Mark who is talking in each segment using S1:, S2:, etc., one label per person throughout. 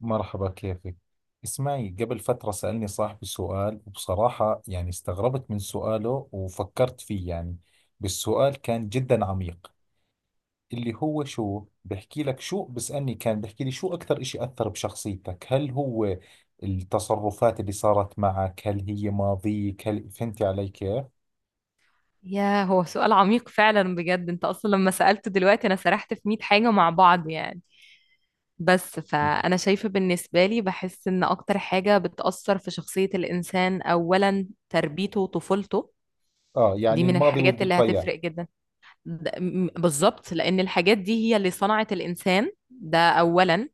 S1: مرحبا، كيفك؟ اسمعي، قبل فترة سألني صاحبي سؤال، وبصراحة يعني استغربت من سؤاله وفكرت فيه. يعني بالسؤال كان جدا عميق. اللي هو شو بحكي لك، شو بسألني، كان بحكي لي شو أكثر إشي أثر بشخصيتك؟ هل هو التصرفات اللي صارت معك؟ هل هي ماضيك؟ هل فهمتي علي كيف؟
S2: يا هو سؤال عميق فعلا بجد. انت اصلا لما سألته دلوقتي انا سرحت في 100 حاجة مع بعض يعني. بس فانا شايفة بالنسبة لي بحس ان اكتر حاجة بتأثر في شخصية الانسان اولا تربيته وطفولته.
S1: آه،
S2: دي
S1: يعني
S2: من
S1: الماضي
S2: الحاجات اللي
S1: والذكريات.
S2: هتفرق جدا. بالظبط لان الحاجات دي هي اللي صنعت الانسان ده اولا،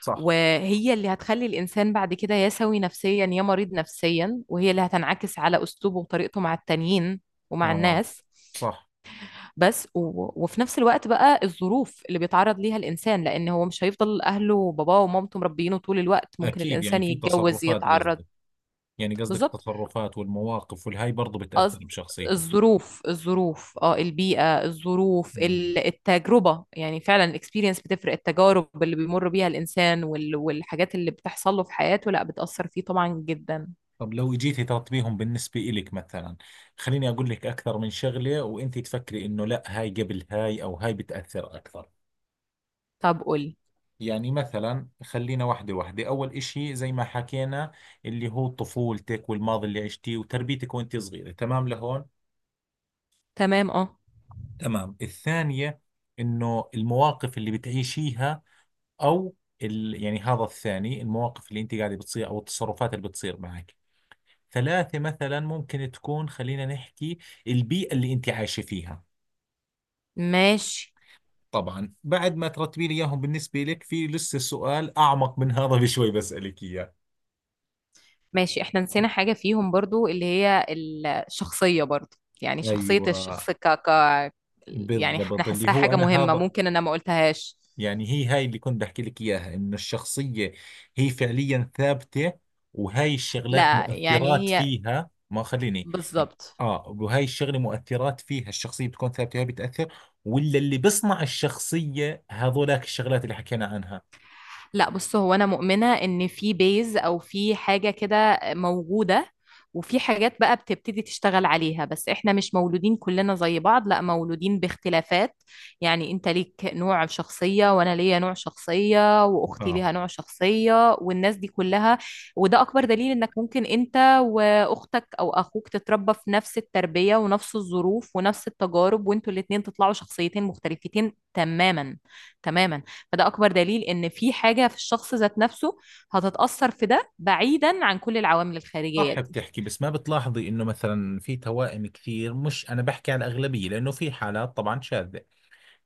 S1: صح.
S2: وهي اللي هتخلي الإنسان بعد كده يا سوي نفسيا يا مريض نفسيا، وهي اللي هتنعكس على أسلوبه وطريقته مع التانيين ومع
S1: اه.
S2: الناس.
S1: صح.
S2: بس و... وفي نفس الوقت بقى الظروف اللي بيتعرض ليها الإنسان، لأن هو مش هيفضل أهله وباباه ومامته مربيينه طول الوقت، ممكن
S1: اكيد، يعني
S2: الإنسان
S1: في
S2: يتجوز
S1: تصرفات
S2: يتعرض.
S1: قصدك. يعني قصدك
S2: بالظبط.
S1: التصرفات والمواقف والهاي برضو بتأثر
S2: قصد
S1: بشخصيته.
S2: الظروف الظروف البيئة، الظروف
S1: مم.
S2: التجربة، يعني فعلا الاكسبيرينس بتفرق، التجارب اللي بيمر بيها الإنسان والحاجات اللي بتحصل له في حياته لا بتأثر فيه طبعا جدا.
S1: طب لو اجيتي ترتبيهم بالنسبة إلك مثلا، خليني أقول لك أكثر من شغلة وأنت تفكري إنه لا، هاي قبل هاي، أو هاي بتأثر أكثر.
S2: طب قولي،
S1: يعني مثلا خلينا واحدة واحدة. أول إشي زي ما حكينا، اللي هو طفولتك والماضي اللي عشتيه وتربيتك وأنت صغيرة، تمام لهون.
S2: تمام اه،
S1: تمام، الثانية إنه المواقف اللي بتعيشيها، أو يعني هذا الثاني، المواقف اللي أنت قاعدة بتصير، أو التصرفات اللي بتصير معك. ثلاثة مثلا ممكن تكون، خلينا نحكي البيئة اللي أنت عايشة فيها.
S2: ماشي،
S1: طبعا بعد ما ترتبي لي إياهم بالنسبة لك، في لسه سؤال أعمق من هذا بشوي بسألك إياه.
S2: ماشي احنا نسينا حاجة فيهم برضو، اللي هي الشخصية برضو. يعني شخصية
S1: أيوة،
S2: الشخص يعني انا
S1: بالضبط، اللي
S2: حاساها
S1: هو
S2: حاجة
S1: أنا
S2: مهمة
S1: هذا.
S2: ممكن انا ما قلتهاش.
S1: يعني هي هاي اللي كنت بحكي لك إياها، إنه الشخصية هي فعليا ثابتة، وهاي الشغلات
S2: لا
S1: مؤثرات
S2: يعني هي.
S1: فيها. ما خليني،
S2: بالظبط.
S1: آه، وهاي الشغلة مؤثرات فيها، الشخصية بتكون ثابتة، هاي بتأثر، ولا اللي بصنع الشخصية هذولاك الشغلات اللي حكينا عنها؟
S2: لا بص هو انا مؤمنه ان في بيز او في حاجه كده موجوده، وفي حاجات بقى بتبتدي تشتغل عليها، بس احنا مش مولودين كلنا زي بعض، لا مولودين باختلافات. يعني انت ليك نوع شخصيه وانا ليا نوع شخصيه واختي
S1: اه.
S2: ليها نوع شخصيه والناس دي كلها. وده اكبر دليل انك ممكن انت واختك او اخوك تتربى في نفس التربيه ونفس الظروف ونفس التجارب وانتوا الاتنين تطلعوا شخصيتين مختلفتين تماما تماما. فده اكبر دليل ان في حاجه في الشخص ذات نفسه هتتاثر في ده بعيدا عن كل العوامل الخارجيه
S1: صح
S2: دي.
S1: بتحكي، بس ما بتلاحظي انه مثلا في توائم كثير، مش انا بحكي عن الاغلبيه لانه في حالات طبعا شاذه.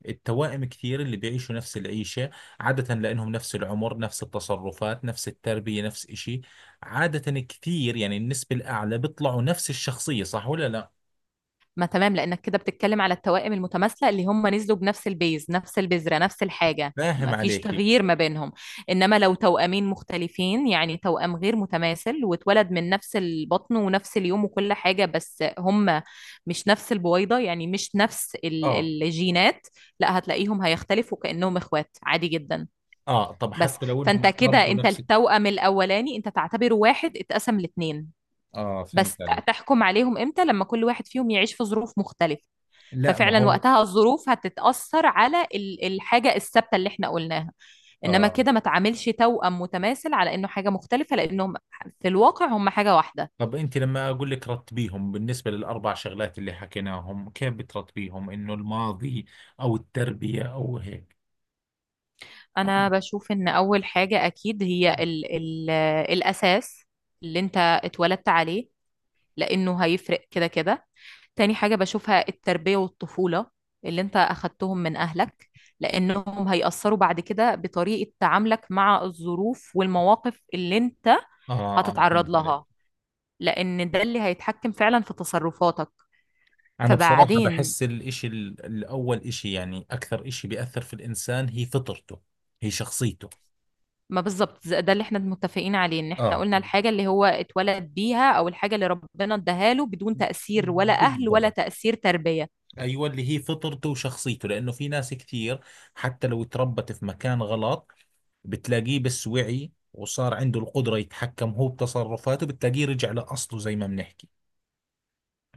S1: التوائم كثير اللي بيعيشوا نفس العيشه عاده، لانهم نفس العمر، نفس التصرفات، نفس التربيه، نفس إشي. عاده كثير يعني النسبه الاعلى بيطلعوا نفس الشخصيه، صح ولا لا؟
S2: ما تمام لانك كده بتتكلم على التوائم المتماثله اللي هم نزلوا بنفس البيز نفس البذره نفس الحاجه،
S1: فاهم
S2: ما فيش
S1: عليكي.
S2: تغيير ما بينهم. انما لو توأمين مختلفين، يعني توأم غير متماثل واتولد من نفس البطن ونفس اليوم وكل حاجه، بس هم مش نفس البويضه، يعني مش نفس
S1: اه.
S2: الجينات. لا هتلاقيهم هيختلفوا كانهم اخوات عادي جدا.
S1: اه، طب
S2: بس
S1: حتى لو
S2: فانت
S1: انهم
S2: كده
S1: تربوا
S2: انت
S1: نفس.
S2: التوأم الاولاني انت تعتبره واحد اتقسم لاتنين.
S1: اه،
S2: بس
S1: فهمت علي.
S2: تحكم عليهم امتى؟ لما كل واحد فيهم يعيش في ظروف مختلفة.
S1: لا، ما
S2: ففعلا
S1: هو.
S2: وقتها الظروف هتتأثر على الحاجة الثابتة اللي احنا قلناها. انما
S1: اه،
S2: كده ما تعاملش توأم متماثل على انه حاجة مختلفة لانهم في الواقع هم حاجة واحدة.
S1: طب انت لما اقول لك رتبيهم بالنسبه للاربع شغلات اللي حكيناهم، كيف بترتبيهم؟ انه الماضي، او التربيه، او هيك.
S2: انا بشوف ان اول حاجة اكيد هي
S1: اه.
S2: ال ال الاساس اللي انت اتولدت عليه لانه هيفرق كده كده. تاني حاجة بشوفها التربية والطفولة اللي انت أخدتهم من أهلك، لأنهم هيأثروا بعد كده بطريقة تعاملك مع الظروف والمواقف اللي انت
S1: اه،
S2: هتتعرض
S1: فهمت عليك.
S2: لها، لأن ده اللي هيتحكم فعلا في تصرفاتك.
S1: انا بصراحه
S2: فبعدين.
S1: بحس الاشي الاول اشي، يعني اكثر اشي بيأثر في الانسان هي فطرته، هي شخصيته.
S2: ما بالظبط ده اللي احنا متفقين عليه ان احنا
S1: اه،
S2: قلنا الحاجة اللي هو اتولد بيها أو الحاجة اللي ربنا اداها له بدون تأثير ولا أهل ولا
S1: بالضبط.
S2: تأثير تربية.
S1: ايوه، اللي هي فطرته وشخصيته. لانه في ناس كثير حتى لو تربت في مكان غلط، بتلاقيه بس وعي وصار عنده القدرة يتحكم هو بتصرفاته، بتلاقيه رجع لأصله زي ما بنحكي.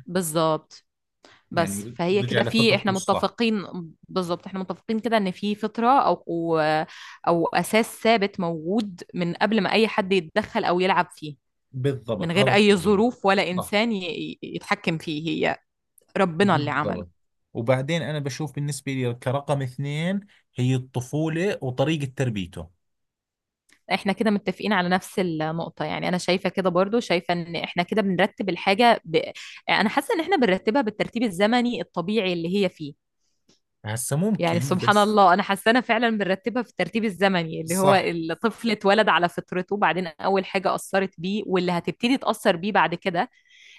S2: بالظبط. بس
S1: يعني
S2: فهي
S1: رجع
S2: كده في
S1: لفطرته
S2: احنا
S1: الصح.
S2: متفقين. بالظبط احنا متفقين كده ان في فطرة او او أو اساس ثابت موجود من قبل ما اي حد يتدخل او يلعب فيه، من
S1: بالضبط، هذا
S2: غير اي
S1: الطبيعي.
S2: ظروف ولا
S1: صح.
S2: انسان يتحكم فيه، هي ربنا اللي عمله.
S1: بالضبط. وبعدين أنا بشوف بالنسبة لي كرقم اثنين هي الطفولة وطريقة تربيته.
S2: احنا كده متفقين على نفس النقطة، يعني انا شايفة كده برضو، شايفة ان احنا كده بنرتب الحاجة. انا حاسة ان احنا بنرتبها بالترتيب الزمني الطبيعي اللي هي فيه.
S1: هسا
S2: يعني
S1: ممكن
S2: سبحان
S1: بس.
S2: الله انا حاسه انا فعلا بنرتبها في الترتيب الزمني اللي هو
S1: صح.
S2: الطفل اتولد على فطرته، بعدين اول حاجه اثرت بيه واللي هتبتدي تاثر بيه بعد كده.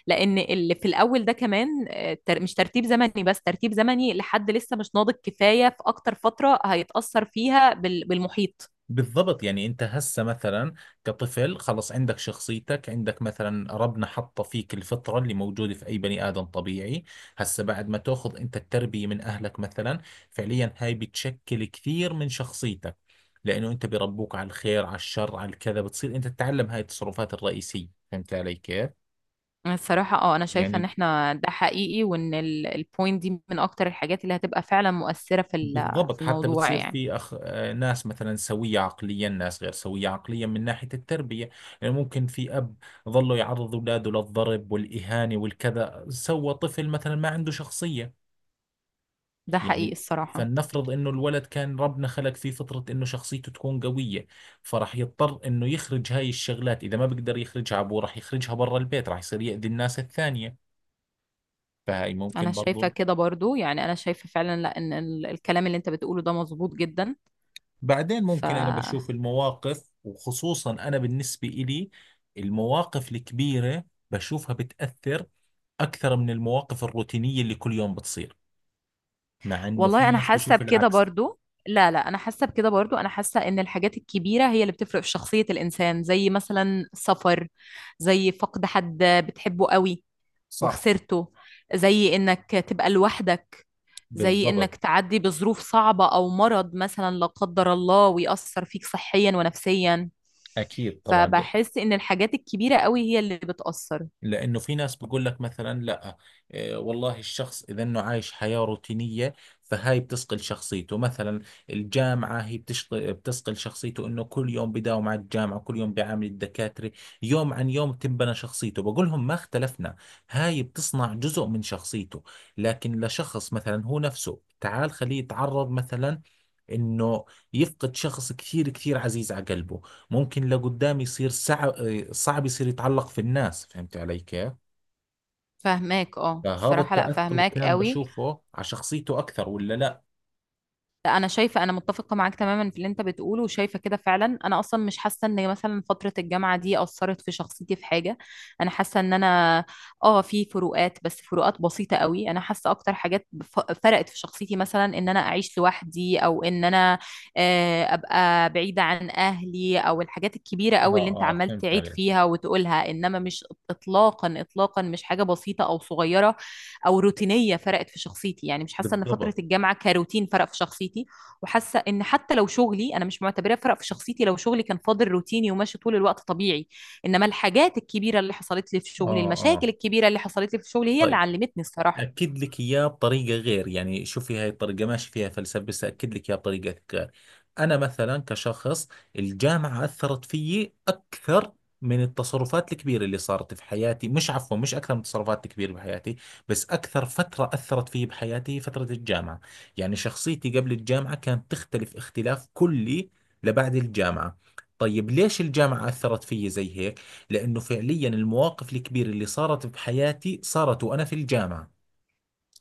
S2: لان اللي في الاول ده كمان مش ترتيب زمني، بس ترتيب زمني لحد لسه مش ناضج كفايه، في اكتر فتره هيتاثر فيها بالمحيط.
S1: بالضبط. يعني انت هسه مثلا كطفل خلص، عندك شخصيتك، عندك مثلا ربنا حط فيك الفطرة اللي موجودة في اي بني ادم طبيعي. هسه بعد ما تاخذ انت التربية من اهلك مثلا، فعليا هاي بتشكل كثير من شخصيتك. لانه انت بربوك على الخير، على الشر، على الكذا، بتصير انت تتعلم هاي التصرفات الرئيسية. فهمت علي كيف؟
S2: الصراحة انا شايفة ان
S1: يعني
S2: احنا ده حقيقي، وان البوينت دي من اكتر الحاجات اللي هتبقى فعلا مؤثرة في
S1: بالضبط.
S2: في
S1: حتى
S2: الموضوع
S1: بتصير
S2: يعني.
S1: في أخ... آه، ناس مثلا سوية عقليا، ناس غير سوية عقليا من ناحية التربية. يعني ممكن في أب ظله يعرض أولاده للضرب والإهانة والكذا، سوى طفل مثلا ما عنده شخصية.
S2: ده حقيقي
S1: يعني
S2: الصراحة.
S1: فلنفرض انه الولد كان ربنا خلق فيه فطرة انه شخصيته تكون قوية، فراح يضطر انه يخرج هاي الشغلات. اذا ما بقدر يخرجها ابوه، راح يخرجها برا البيت، راح يصير يأذي الناس الثانية. فهاي
S2: انا
S1: ممكن
S2: شايفة
S1: برضو.
S2: كده برضو، يعني انا شايفة فعلا، لا ان الكلام اللي انت بتقوله ده مظبوط جدا.
S1: بعدين
S2: ف
S1: ممكن أنا بشوف المواقف، وخصوصا أنا بالنسبة إلي المواقف الكبيرة بشوفها بتأثر أكثر من المواقف الروتينية اللي كل يوم بتصير، مع إنه في
S2: والله انا
S1: ناس
S2: حاسة
S1: بشوف
S2: بكده
S1: العكس.
S2: برضو. لا لا انا حاسة بكده برضو. انا حاسة ان الحاجات الكبيرة هي اللي بتفرق في شخصية الانسان، زي مثلا سفر، زي فقد حد بتحبه قوي
S1: صح.
S2: وخسرته، زي انك تبقى لوحدك، زي انك
S1: بالضبط.
S2: تعدي بظروف صعبة او مرض مثلا لا قدر الله ويأثر فيك صحيا ونفسيا.
S1: أكيد طبعا.
S2: فبحس ان الحاجات الكبيرة قوي هي اللي بتأثر.
S1: لانه في ناس بقول لك مثلا لا، والله الشخص اذا انه عايش حياة روتينية، فهاي بتثقل شخصيته. مثلا الجامعة هي بتشغل بتثقل شخصيته، انه كل يوم بداوم على الجامعة، كل يوم بيعامل الدكاترة، يوم عن يوم تنبنى شخصيته. بقول لهم ما اختلفنا، هاي بتصنع جزء من شخصيته. لكن لشخص مثلا هو نفسه، تعال خليه يتعرض مثلا انه يفقد شخص كثير كثير عزيز على قلبه، ممكن لقدام يصير صعب، صعب يصير يتعلق في الناس. فهمت علي كيف؟
S2: فاهماك اه
S1: فهذا
S2: الصراحة، لا
S1: التأثر
S2: فاهماك
S1: كان
S2: قوي.
S1: بشوفه على شخصيته أكثر ولا لا؟
S2: لا انا شايفة انا متفقة معاك تماما في اللي انت بتقوله، وشايفة كده فعلا، انا اصلا مش حاسة ان مثلا فترة الجامعة دي اثرت في شخصيتي في حاجة. انا حاسة ان انا اه في فروقات، بس فروقات بسيطة قوي. انا حاسة اكتر حاجات فرقت في شخصيتي مثلا ان انا اعيش لوحدي او ان انا ابقى بعيدة عن اهلي، او الحاجات الكبيرة قوي اللي انت
S1: آه. آه،
S2: عمال
S1: فهمت
S2: تعيد
S1: عليك.
S2: فيها وتقولها، انما مش اطلاقا اطلاقا مش حاجة بسيطة او صغيرة او روتينيه فرقت في شخصيتي. يعني مش حاسه ان فتره
S1: بالضبط.
S2: الجامعه كروتين فرق في شخصيتي. وحاسه ان حتى لو شغلي، انا مش معتبراه فرق في شخصيتي، لو شغلي كان فاضل روتيني وماشي طول الوقت طبيعي. انما الحاجات الكبيره اللي حصلت لي في
S1: آه.
S2: شغلي، المشاكل
S1: آه.
S2: الكبيره اللي حصلت لي في شغلي، هي اللي
S1: طيب،
S2: علمتني الصراحه.
S1: أكد لك إياه بطريقة غير. يعني شوفي، هاي الطريقة ماشي فيها فلسفة، بس أكد لك إياه بطريقة غير. أنا مثلا كشخص، الجامعة أثرت فيي أكثر من التصرفات الكبيرة اللي صارت في حياتي. مش، عفوا، مش أكثر من التصرفات الكبيرة بحياتي، بس أكثر فترة أثرت فيي بحياتي هي فترة الجامعة. يعني شخصيتي قبل الجامعة كانت تختلف اختلاف كلي لبعد الجامعة. طيب ليش الجامعة أثرت فيي زي هيك؟ لأنه فعليا المواقف الكبيرة اللي صارت بحياتي صارت وأنا في الجامعة.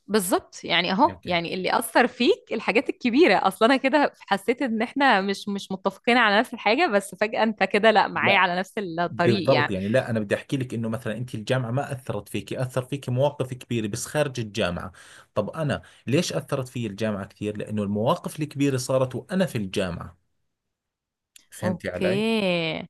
S2: بالظبط يعني اهو،
S1: اوكي.
S2: يعني اللي اثر فيك الحاجات الكبيره اصلا. انا كده حسيت ان احنا مش متفقين على نفس الحاجه، بس فجاه انت كده لا معايا
S1: لا،
S2: على نفس الطريق
S1: بالضبط.
S2: يعني.
S1: يعني لا، انا بدي احكي لك انه مثلا انت الجامعه ما اثرت فيك، اثر فيك مواقف كبيره بس خارج الجامعه. طب انا ليش اثرت في الجامعه كثير؟ لانه المواقف الكبيره صارت وانا في الجامعه. فهمتي علي؟
S2: اوكي.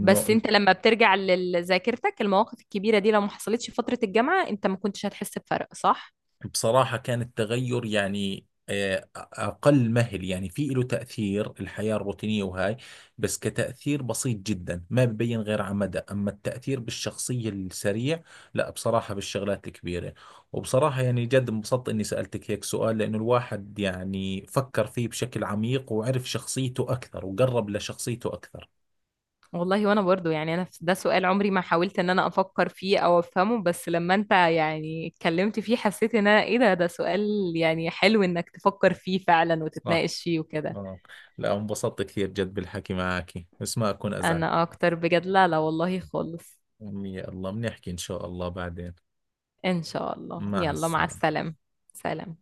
S2: بس انت لما بترجع لذاكرتك المواقف الكبيرة دي لو ما حصلتش في فترة الجامعة انت ما كنتش هتحس بفرق، صح؟
S1: بصراحة كان التغير يعني أقل مهل. يعني في له تأثير الحياة الروتينية وهاي، بس كتأثير بسيط جدا ما ببين غير على مدى، أما التأثير بالشخصية السريع لا، بصراحة بالشغلات الكبيرة. وبصراحة يعني جد انبسطت إني سألتك هيك سؤال، لأنه الواحد يعني فكر فيه بشكل عميق وعرف شخصيته أكثر وقرب لشخصيته أكثر.
S2: والله وانا برضو، يعني انا ده سؤال عمري ما حاولت ان انا افكر فيه او افهمه، بس لما انت يعني اتكلمت فيه حسيت ان انا ايه، ده سؤال يعني حلو انك تفكر فيه فعلا
S1: صح.
S2: وتتناقش فيه وكده.
S1: آه. لا، انبسطت كثير جد بالحكي معك، بس ما أكون
S2: انا
S1: أزعجك.
S2: اكتر بجد، لا لا والله خالص.
S1: يا الله، بنحكي إن شاء الله بعدين.
S2: ان شاء الله،
S1: مع
S2: يلا مع
S1: السلامة.
S2: السلامة. سلام.